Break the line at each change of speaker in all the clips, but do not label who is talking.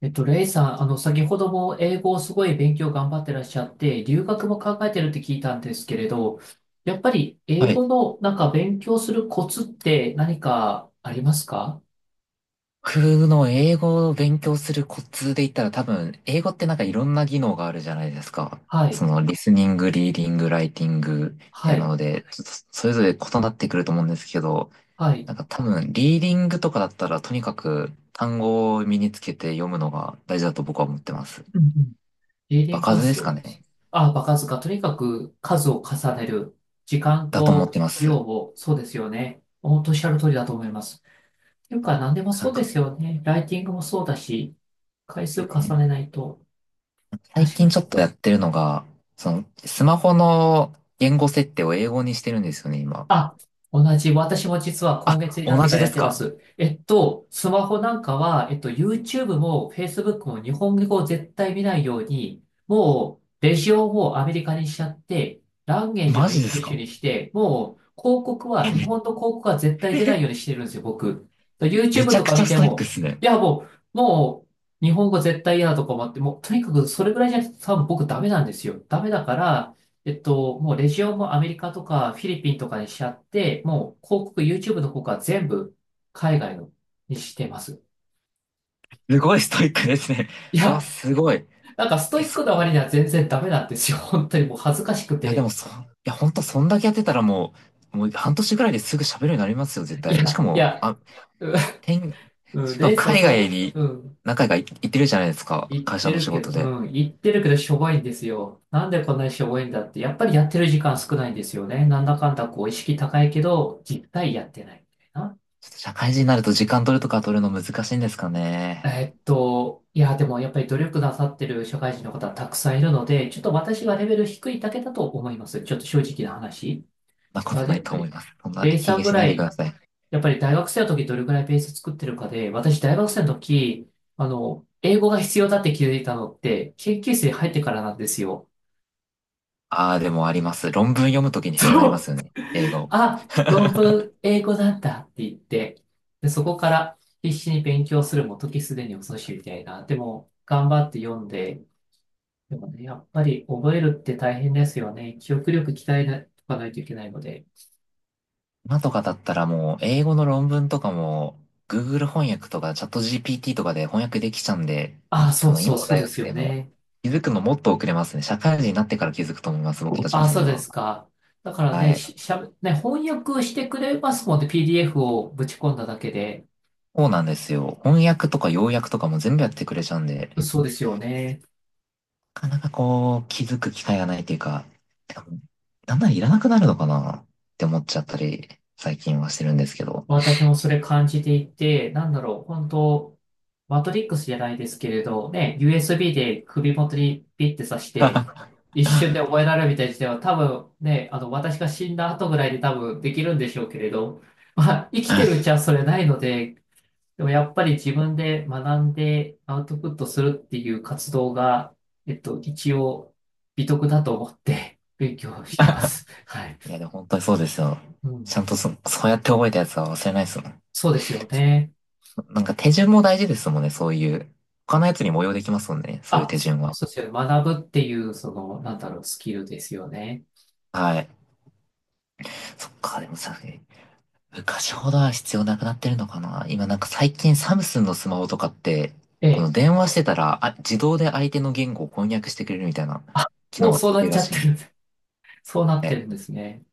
レイさん、先ほども英語をすごい勉強頑張ってらっしゃって、留学も考えてるって聞いたんですけれど、やっぱり英
はい。
語のなんか勉強するコツって何かありますか？
僕の英語を勉強するコツで言ったら多分、英語ってなんかいろんな技能があるじゃないですか。
はい、
その、リスニング、リーディング、ライティング、みた
は
いな
い、
ので、ちょっとそれぞれ異なってくると思うんですけど、
はい。
なんか多分、リーディングとかだったらとにかく単語を身につけて読むのが大事だと僕は思ってます。
うんうん。リーディ
場
ングは
数です
そ
か
うです。
ね。
あ、場数かとにかく数を重ねる。時間
だと思っ
と
てま
量
す。
を、そうですよね。本当おっしゃる通りだと思います。というか、何でも
な
そ
ん
うで
か
すよね。ライティングもそうだし、回数重
ね、
ねないと、
最
確
近
かに。
ちょっとやってるのが、その、スマホの言語設定を英語にしてるんですよね、今。
あ、同じ。私も実は今月
あ、
になっ
同
てか
じ
ら
で
やっ
す
てま
か？
す。スマホなんかは、YouTube も Facebook も日本語を絶対見ないように、もう、レジオをアメリカにしちゃって、ランゲージ
マ
もイン
ジで
グリ
す
ッシュ
か？
にして、もう、広告は、
え
日
め、
本の広告は絶対出な いようにしてるんですよ、僕。
め
YouTube
ちゃ
と
く
か
ちゃ
見
ス
て
トイックで
も、
すね。
いや、もう、もう、日本語絶対嫌だとか思って、もう、とにかくそれぐらいじゃなくて、多分僕ダメなんですよ。ダメだから、もうレジオもアメリカとかフィリピンとかにしちゃって、もう広告、YouTube の方から全部海外のにしてます。
すごいストイックですね。
い
うわ、
や、
すごい。
なんかスト
え、
イッ
そ、
クな割には全然ダメなんですよ。本当にもう恥ずかしく
いや、でも
て。
そ、いや、ほんと、そんだけやってたらもう半年ぐらいですぐ喋るようになりますよ、絶
い
対。し
や、
か
い
も、
や、
あ、てん、
うん、
しか
レ
も
イスは
海外
そ
に
う、うん、
何回か行ってるじゃないですか、
言っ
会社
て
の
る
仕
けど、
事で。
うん、言ってるけどしょぼいんですよ。なんでこんなにしょぼいんだって、やっぱりやってる時間少ないんですよね。なんだかんだこう意識高いけど、実態やってないみたいな。
ちょっと社会人になると時間取るとか取るの難しいんですかね。
いや、でもやっぱり努力なさってる社会人の方はたくさんいるので、ちょっと私がレベル低いだけだと思います。ちょっと正直な話。
そんなこ
まあ、
と
や
な
っ
い
ぱ
と思い
り、
ます。そんな、
レイ
卑
さん
下
ぐ
しな
ら
いでく
い、
ださい。
やっぱり大学生の時どれぐらいペース作ってるかで、私大学生の時、英語が必要だって気づいたのって、研究室に入ってからなんですよ。
ああ、でもあります。論文読むときに必要になり
そ
ます
う。
よね。英語。
あ、論文英語なんだって言って、で、そこから必死に勉強するも時すでに遅しみたいな。でも、頑張って読んで、でもね、やっぱり覚えるって大変ですよね。記憶力鍛えなとかないといけないので。
今とかだったらもう英語の論文とかも Google 翻訳とかチャット GPT とかで翻訳できちゃうんで、
ああ、そ
多
う
分
そ
今
う
の
そう
大
で
学
すよ
生も
ね。
気づくのもっと遅れますね。社会人になってから気づくと思います、僕たち
あ
の
あ、
世
そう
代
で
は。
すか。だからね、
はい。
し、しゃべ、ね、翻訳してくれますもんね。PDF をぶち込んだだけで。
そうなんですよ。翻訳とか要約とかも全部やってくれちゃうんで、
そうですよね。
なかなかこう気づく機会がないというか、てか、だんだんいらなくなるのかなって思っちゃったり、最近はしてるんですけど。
私もそれ感じていて、なんだろう、本当マトリックスじゃないですけれど、ね、USB で首元にピッて刺して、一 瞬で覚えられるみたいな時代は多分ね、私が死んだ後ぐらいで多分できるんでしょうけれど、まあ、生きてるうちはそれないので、でもやっぱり自分で学んでアウトプットするっていう活動が、一応美徳だと思って勉強してます。はい。
いや、でも本当にそうですよ。
うん。
ちゃんとそうやって覚えたやつは忘れないですもん。
そうですよね。
なんか手順も大事ですもんね、そういう。他のやつにも応用できますもんね、そういう手順は。
そうですよね。学ぶっていう、その、なんだろう、スキルですよね。
はい。そっか、でもさ、昔ほどは必要なくなってるのかな。今なんか最近サムスンのスマホとかって、
え
この
え。
電話してたら、あ、自動で相手の言語を翻訳してくれるみたいな
あ、
機
も
能
う
が
そ
つ
う
いて
なっ
る
ち
ら
ゃっ
しい
て
ね。
る。そうなっ
は
て
い。
るんですね。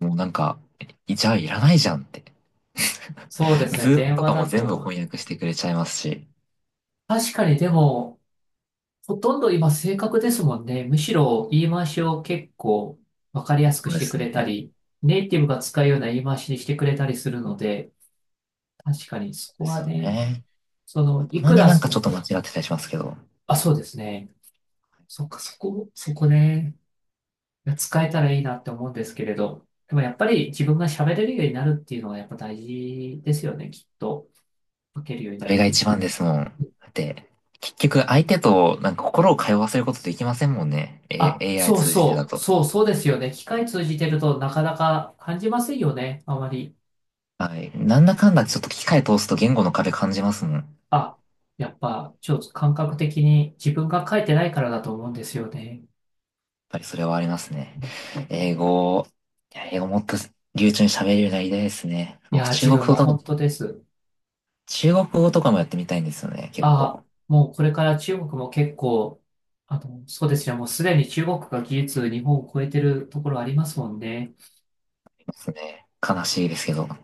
もうなんか、いじゃあいらないじゃんって。
そうです
ズ
ね。
ーム
電
と
話
かも
だ
全部
と。
翻訳してくれちゃいますし。
確かにでも、ほとんど今正確ですもんね。むしろ言い回しを結構わかりやすく
そう
し
で
てく
す
れた
ね。
り、ネイティブが使うような言い回しにしてくれたりするので、確かにそこは
そうですよ
ね、
ね。
そ
た
の、い
ま
く
に
ら
なんか
そ
ちょっと
の、
間違ってたりしますけど、
あ、そうですね。そっか、そこ、そこね。使えたらいいなって思うんですけれど、でもやっぱり自分が喋れるようになるっていうのはやっぱ大事ですよね、きっと。書けるように
あ
なる
れが
という
一
か。
番ですもん。だって、結局相手となんか心を通わせることできませんもんね。
あ、
AI
そう
通じてだ
そう、
と。
そうそうですよね。機械通じてるとなかなか感じませんよね、あまり。
はい。なんだかんだちょっと機械通すと言語の壁感じますもん。やっ
あ、やっぱちょっと感覚的に自分が書いてないからだと思うんですよね。
ぱりそれはありますね。英語、いや、英語もっと流暢に喋れるようになりたいですね。
い
僕
やー、
中
自
国
分
語
も
と、
本当です。
中国語とかもやってみたいんですよね。結
あ、
構。
もうこれから中国も結構、そうですね、もうすでに中国が技術日本を超えてるところありますもんね。
ですね。悲しいですけど。あ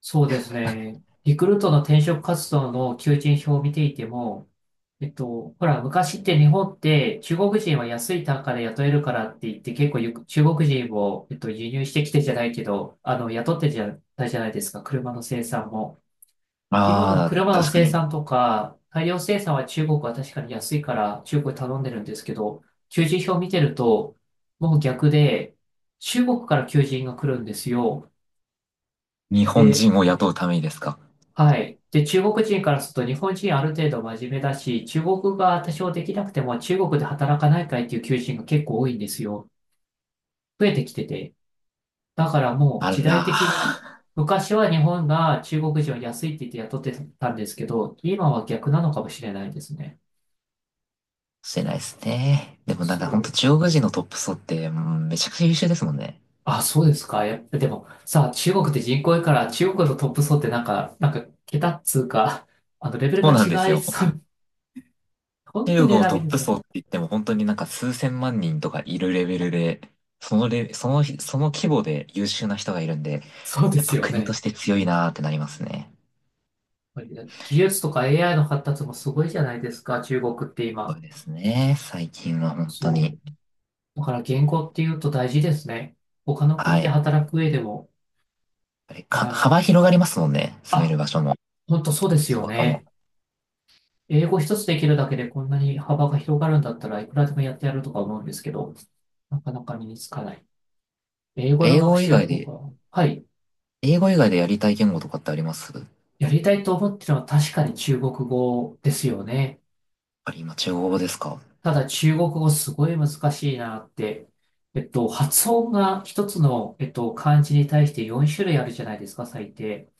そうですね。リクルートの転職活動の求人票を見ていても、ほら、昔って日本って中国人は安い単価で雇えるからって言って結構ゆく中国人を、輸入してきてじゃないけど、雇ってじゃないじゃないですか、車の生産も。今も
あ、
車の
確か
生
に。
産とか、大量生産は中国は確かに安いから中国に頼んでるんですけど、求人票を見てると、もう逆で、中国から求人が来るんですよ。
日本
で、
人を雇うためにですか？
はい。で、中国人からすると日本人ある程度真面目だし、中国語が多少できなくても中国で働かないかいっていう求人が結構多いんですよ。増えてきてて。だからも
あ
う時
ら。
代的に、昔は日本が中国人を安いって言って雇ってたんですけど、今は逆なのかもしれないですね。
してないですね。でもなん
そ
かほんと
う。
中国人のトップ層って、うん、めちゃくちゃ優秀ですもんね。
あ、そうですか。やっぱでも、さあ、中国って人口多いから、中国のトップ層ってなんか、なんか、桁っつうか、レベル
そう
が
なんです
違い
よ。
そう。本当
中
に
国の
選
ト
び
ッ
に
プ
く
層
い。
って言っても本当になんか数千万人とかいるレベルで、そのレ、その、その規模で優秀な人がいるんで、
そうで
やっ
す
ぱ
よ
国と
ね。
して強いなーってなりますね。
やっぱり技術とか AI の発達もすごいじゃないですか、中国って
そう
今。
ですね。最近は本当
そ
に。
う。だから言語っていうと大事ですね。他の
は
国
い。
で
やっ
働く上でも。
ぱりか、
あ、
幅広がりますもんね。住める
あ、
場所も、
本当そうです
仕
よ
事も。
ね。英語一つできるだけでこんなに幅が広がるんだったらいくらでもやってやるとか思うんですけど、なかなか身につかない。英語の
英
学
語以
習
外
法
で、
が、はい。
英語以外でやりたい言語とかってありますやっ
やりたいと思ってるのは確かに中国語ですよね。
ぱり今中国語ですか？
ただ中国語すごい難しいなって、発音が一つの、漢字に対して4種類あるじゃないですか、最低。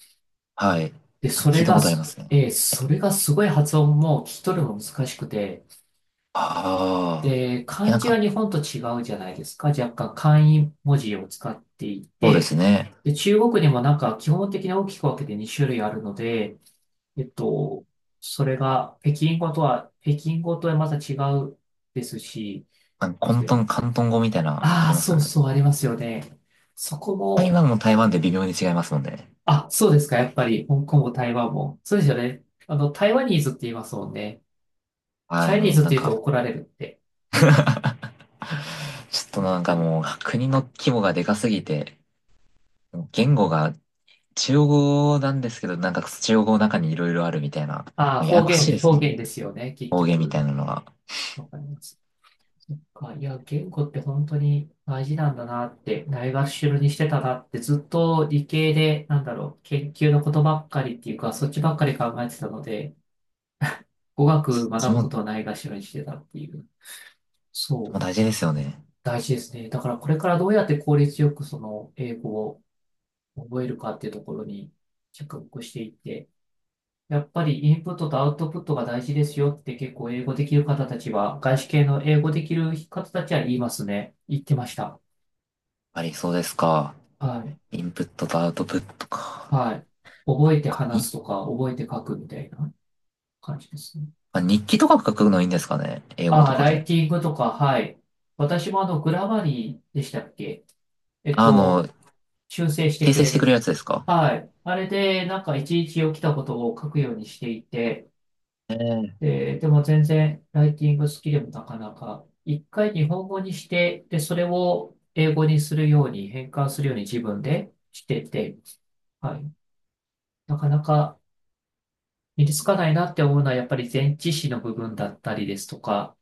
はい。
で、
なんか聞いたことありますね。
それがすごい発音も聞き取るのも難しくて、
ああ。
で、
いや
漢
なん
字
か、
は日本と違うじゃないですか。若干簡易文字を使ってい
そうで
て、
すね。
で、中国にもなんか基本的に大きく分けて2種類あるので、えっと、それが北京語とはまた違うですし、
なんか、広東語みたいな、あ
あ
り
あ、
ます
そ
よ
う
ね。
そう、ありますよね。そこ
台
も、
湾も台湾で微妙に違いますもんね。
あ、そうですか、やっぱり、香港も台湾も。そうですよね。あの、台湾ニーズって言いますもんね。チ
はい、
ャイニー
もう
ズっ
なん
て言う
か。
と怒られるって。
ちょっとなんかもう、国の規模がでかすぎて、もう言語が中国語なんですけど、なんか中国語の中にいろいろあるみたいな、
ああ、
もうやや
方
こし
言、
いですも
方
んね。
言ですよね、結
方言みた
局。
いなのが。
わかります。そっか、いや、言語って本当に大事なんだなって、ないがしろにしてたなって、ずっと理系で、なんだろう、研究のことばっかりっていうか、そっちばっかり考えてたので、語
そ
学
っち
学ぶ
も、
こ
も
とをないがしろにしてたっていう。そ
う
う。
大事ですよね。やっ
大事ですね。だからこれからどうやって効率よくその英語を覚えるかっていうところに着目していって、やっぱりインプットとアウトプットが大事ですよって結構英語できる方たちは、外資系の英語できる方たちは言いますね。言ってました。
ぱりそうですか。
はい。
インプットとアウトプットか。
はい。覚えて
他に、
話すとか、覚えて書くみたいな感じですね。
あ、日記とか書くのいいんですかね英語
あ
と
あ、
か
ライ
で。
ティングとか、はい。私もグラマリーでしたっけ。えっ
あの、
と、修正して
訂
く
正
れ
してくれる
る。
やつですか？
はい。あれで、なんかいちいち起きたことを書くようにしていて、
ええ。
で、でも全然ライティング好きでもなかなか、一回日本語にして、で、それを英語にするように、変換するように自分でしてて、はい。なかなか身につかないなって思うのは、やっぱり前置詞の部分だったりですとか、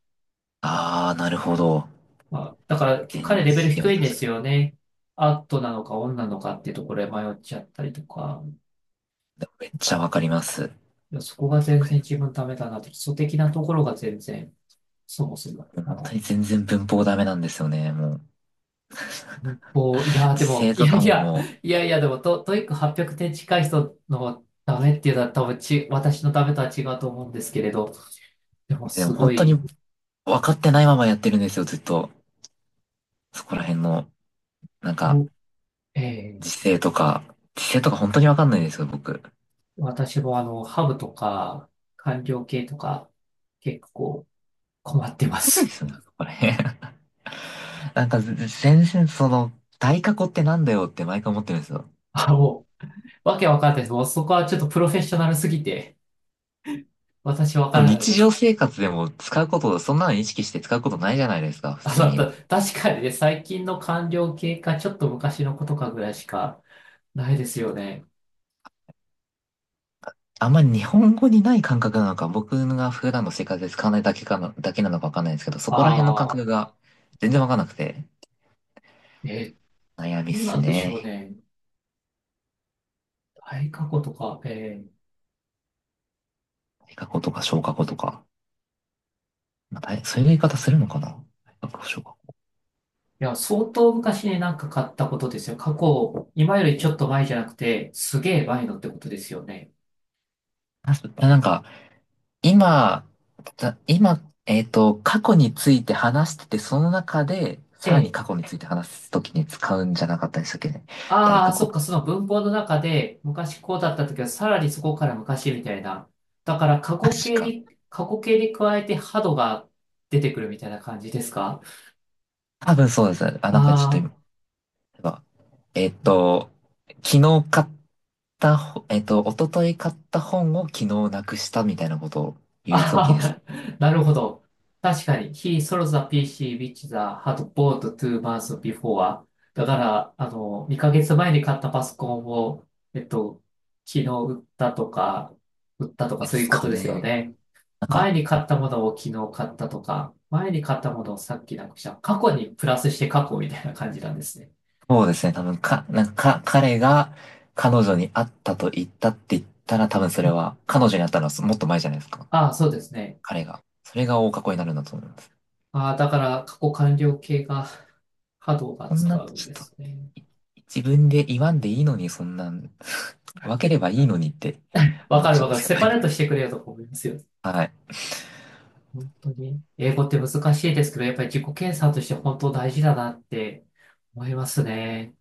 ああ、なるほど。
まあ、だからき
全
彼レベル
然、
低
は
いんで
確
す
か
よね。アットなのかオンなのかっていうところで迷っちゃったりとか、
に。でもめっちゃわかります。
いやそこが全
僕
然自分ダメだなって、基礎的なところが全然。そうそう。
もう
ま
本当
だ、
に全然文法ダメなんですよね。もう、
文法、いや、
時
でも、
制
い
と
や
か
い
も、
や、
も
いやいや、でもト、トイック800点近い人のダメっていうのは多分ち、私のダメとは違うと思うんですけれど、でも
う、でも
すご
本当に
い、
分かってないままやってるんですよ、ずっと。そこら辺の、なんか、
おえー
時制とか、時制とか本当にわかんないんですよ、僕。
私もハブとか、官僚系とか、結構困ってま
そうで
す。
すね、そこら辺。なんか、全然その、大過去ってなんだよって毎回思ってるんですよ。
あ、もう、わけわかんないです。もうそこはちょっとプロフェッショナルすぎて、私わ
で
か
も
らない
日
で
常
す。
生活でも使うこと、そんなの意識して使うことないじゃないですか、普通
た
に。
確かにね、最近の官僚系か、ちょっと昔のことかぐらいしかないですよね。
あんまり日本語にない感覚なのか、僕が普段の生活で使わないだけかな、だけなのかわかんないですけど、そこら辺の感
あ
覚
あ、
が全然わかんなくて、
え
悩みっ
どう
す
なんでしょう
ね。
ね。大過去とか、い
大過去とか小過去とか。まあ、大そういう言い方するのかな、対過去、小過去。
や、相当昔になんか買ったことですよ。過去、今よりちょっと前じゃなくて、すげえ前のってことですよね。
あそなんか、今、た今、えっと、過去について話してて、その中で、さらに
え
過
え。
去について話すときに使うんじゃなかったでしたっけね。大
ああ、
過去。
そっか、その文法の中で、昔こうだった時は、さらにそこから昔みたいな。だから、過
確
去形
か。
に、過去形に加えて、ハドが出てくるみたいな感じですか。
多分そうです。あ、なんかちょっと今、
あ、
例えばえっと、昨日買ったほ、えっと、一昨日買った本を昨日なくしたみたいなことを言うときですか？
ああ、なるほど。確かに。He sold the PC which the had bought two months before. だから、あの、2ヶ月前に買ったパソコンを、えっと、昨日売ったとか、売ったとか
で
そういう
す
こ
か
とですよ
ね。
ね。
なんか、
前に買ったものを昨日買ったとか、前に買ったものをさっきなくした。過去にプラスして過去みたいな感じなんですね。
そうですね。多分か、なんか、か、彼が彼女に会ったと言ったって言ったら、多分そ
う
れ
ん。
は、彼女に会ったのはもっと前じゃないですか。
ああ、そうですね。
彼が。それが大過去になるんだと思います。
ああ、だから過去完了形が波動が
そん
使
な、
うん
ちょっ
で
と、
すね。
い自分で言わんでいいのに、そんなん、分ければいいのにって
わ
思っ
かる
ちゃ
わ
うん
か
で
る。
すけ
セパレート
ど。
してくれよとか思いますよ。
はい。
本当に。英語って難しいですけど、やっぱり自己検査として本当大事だなって思いますね。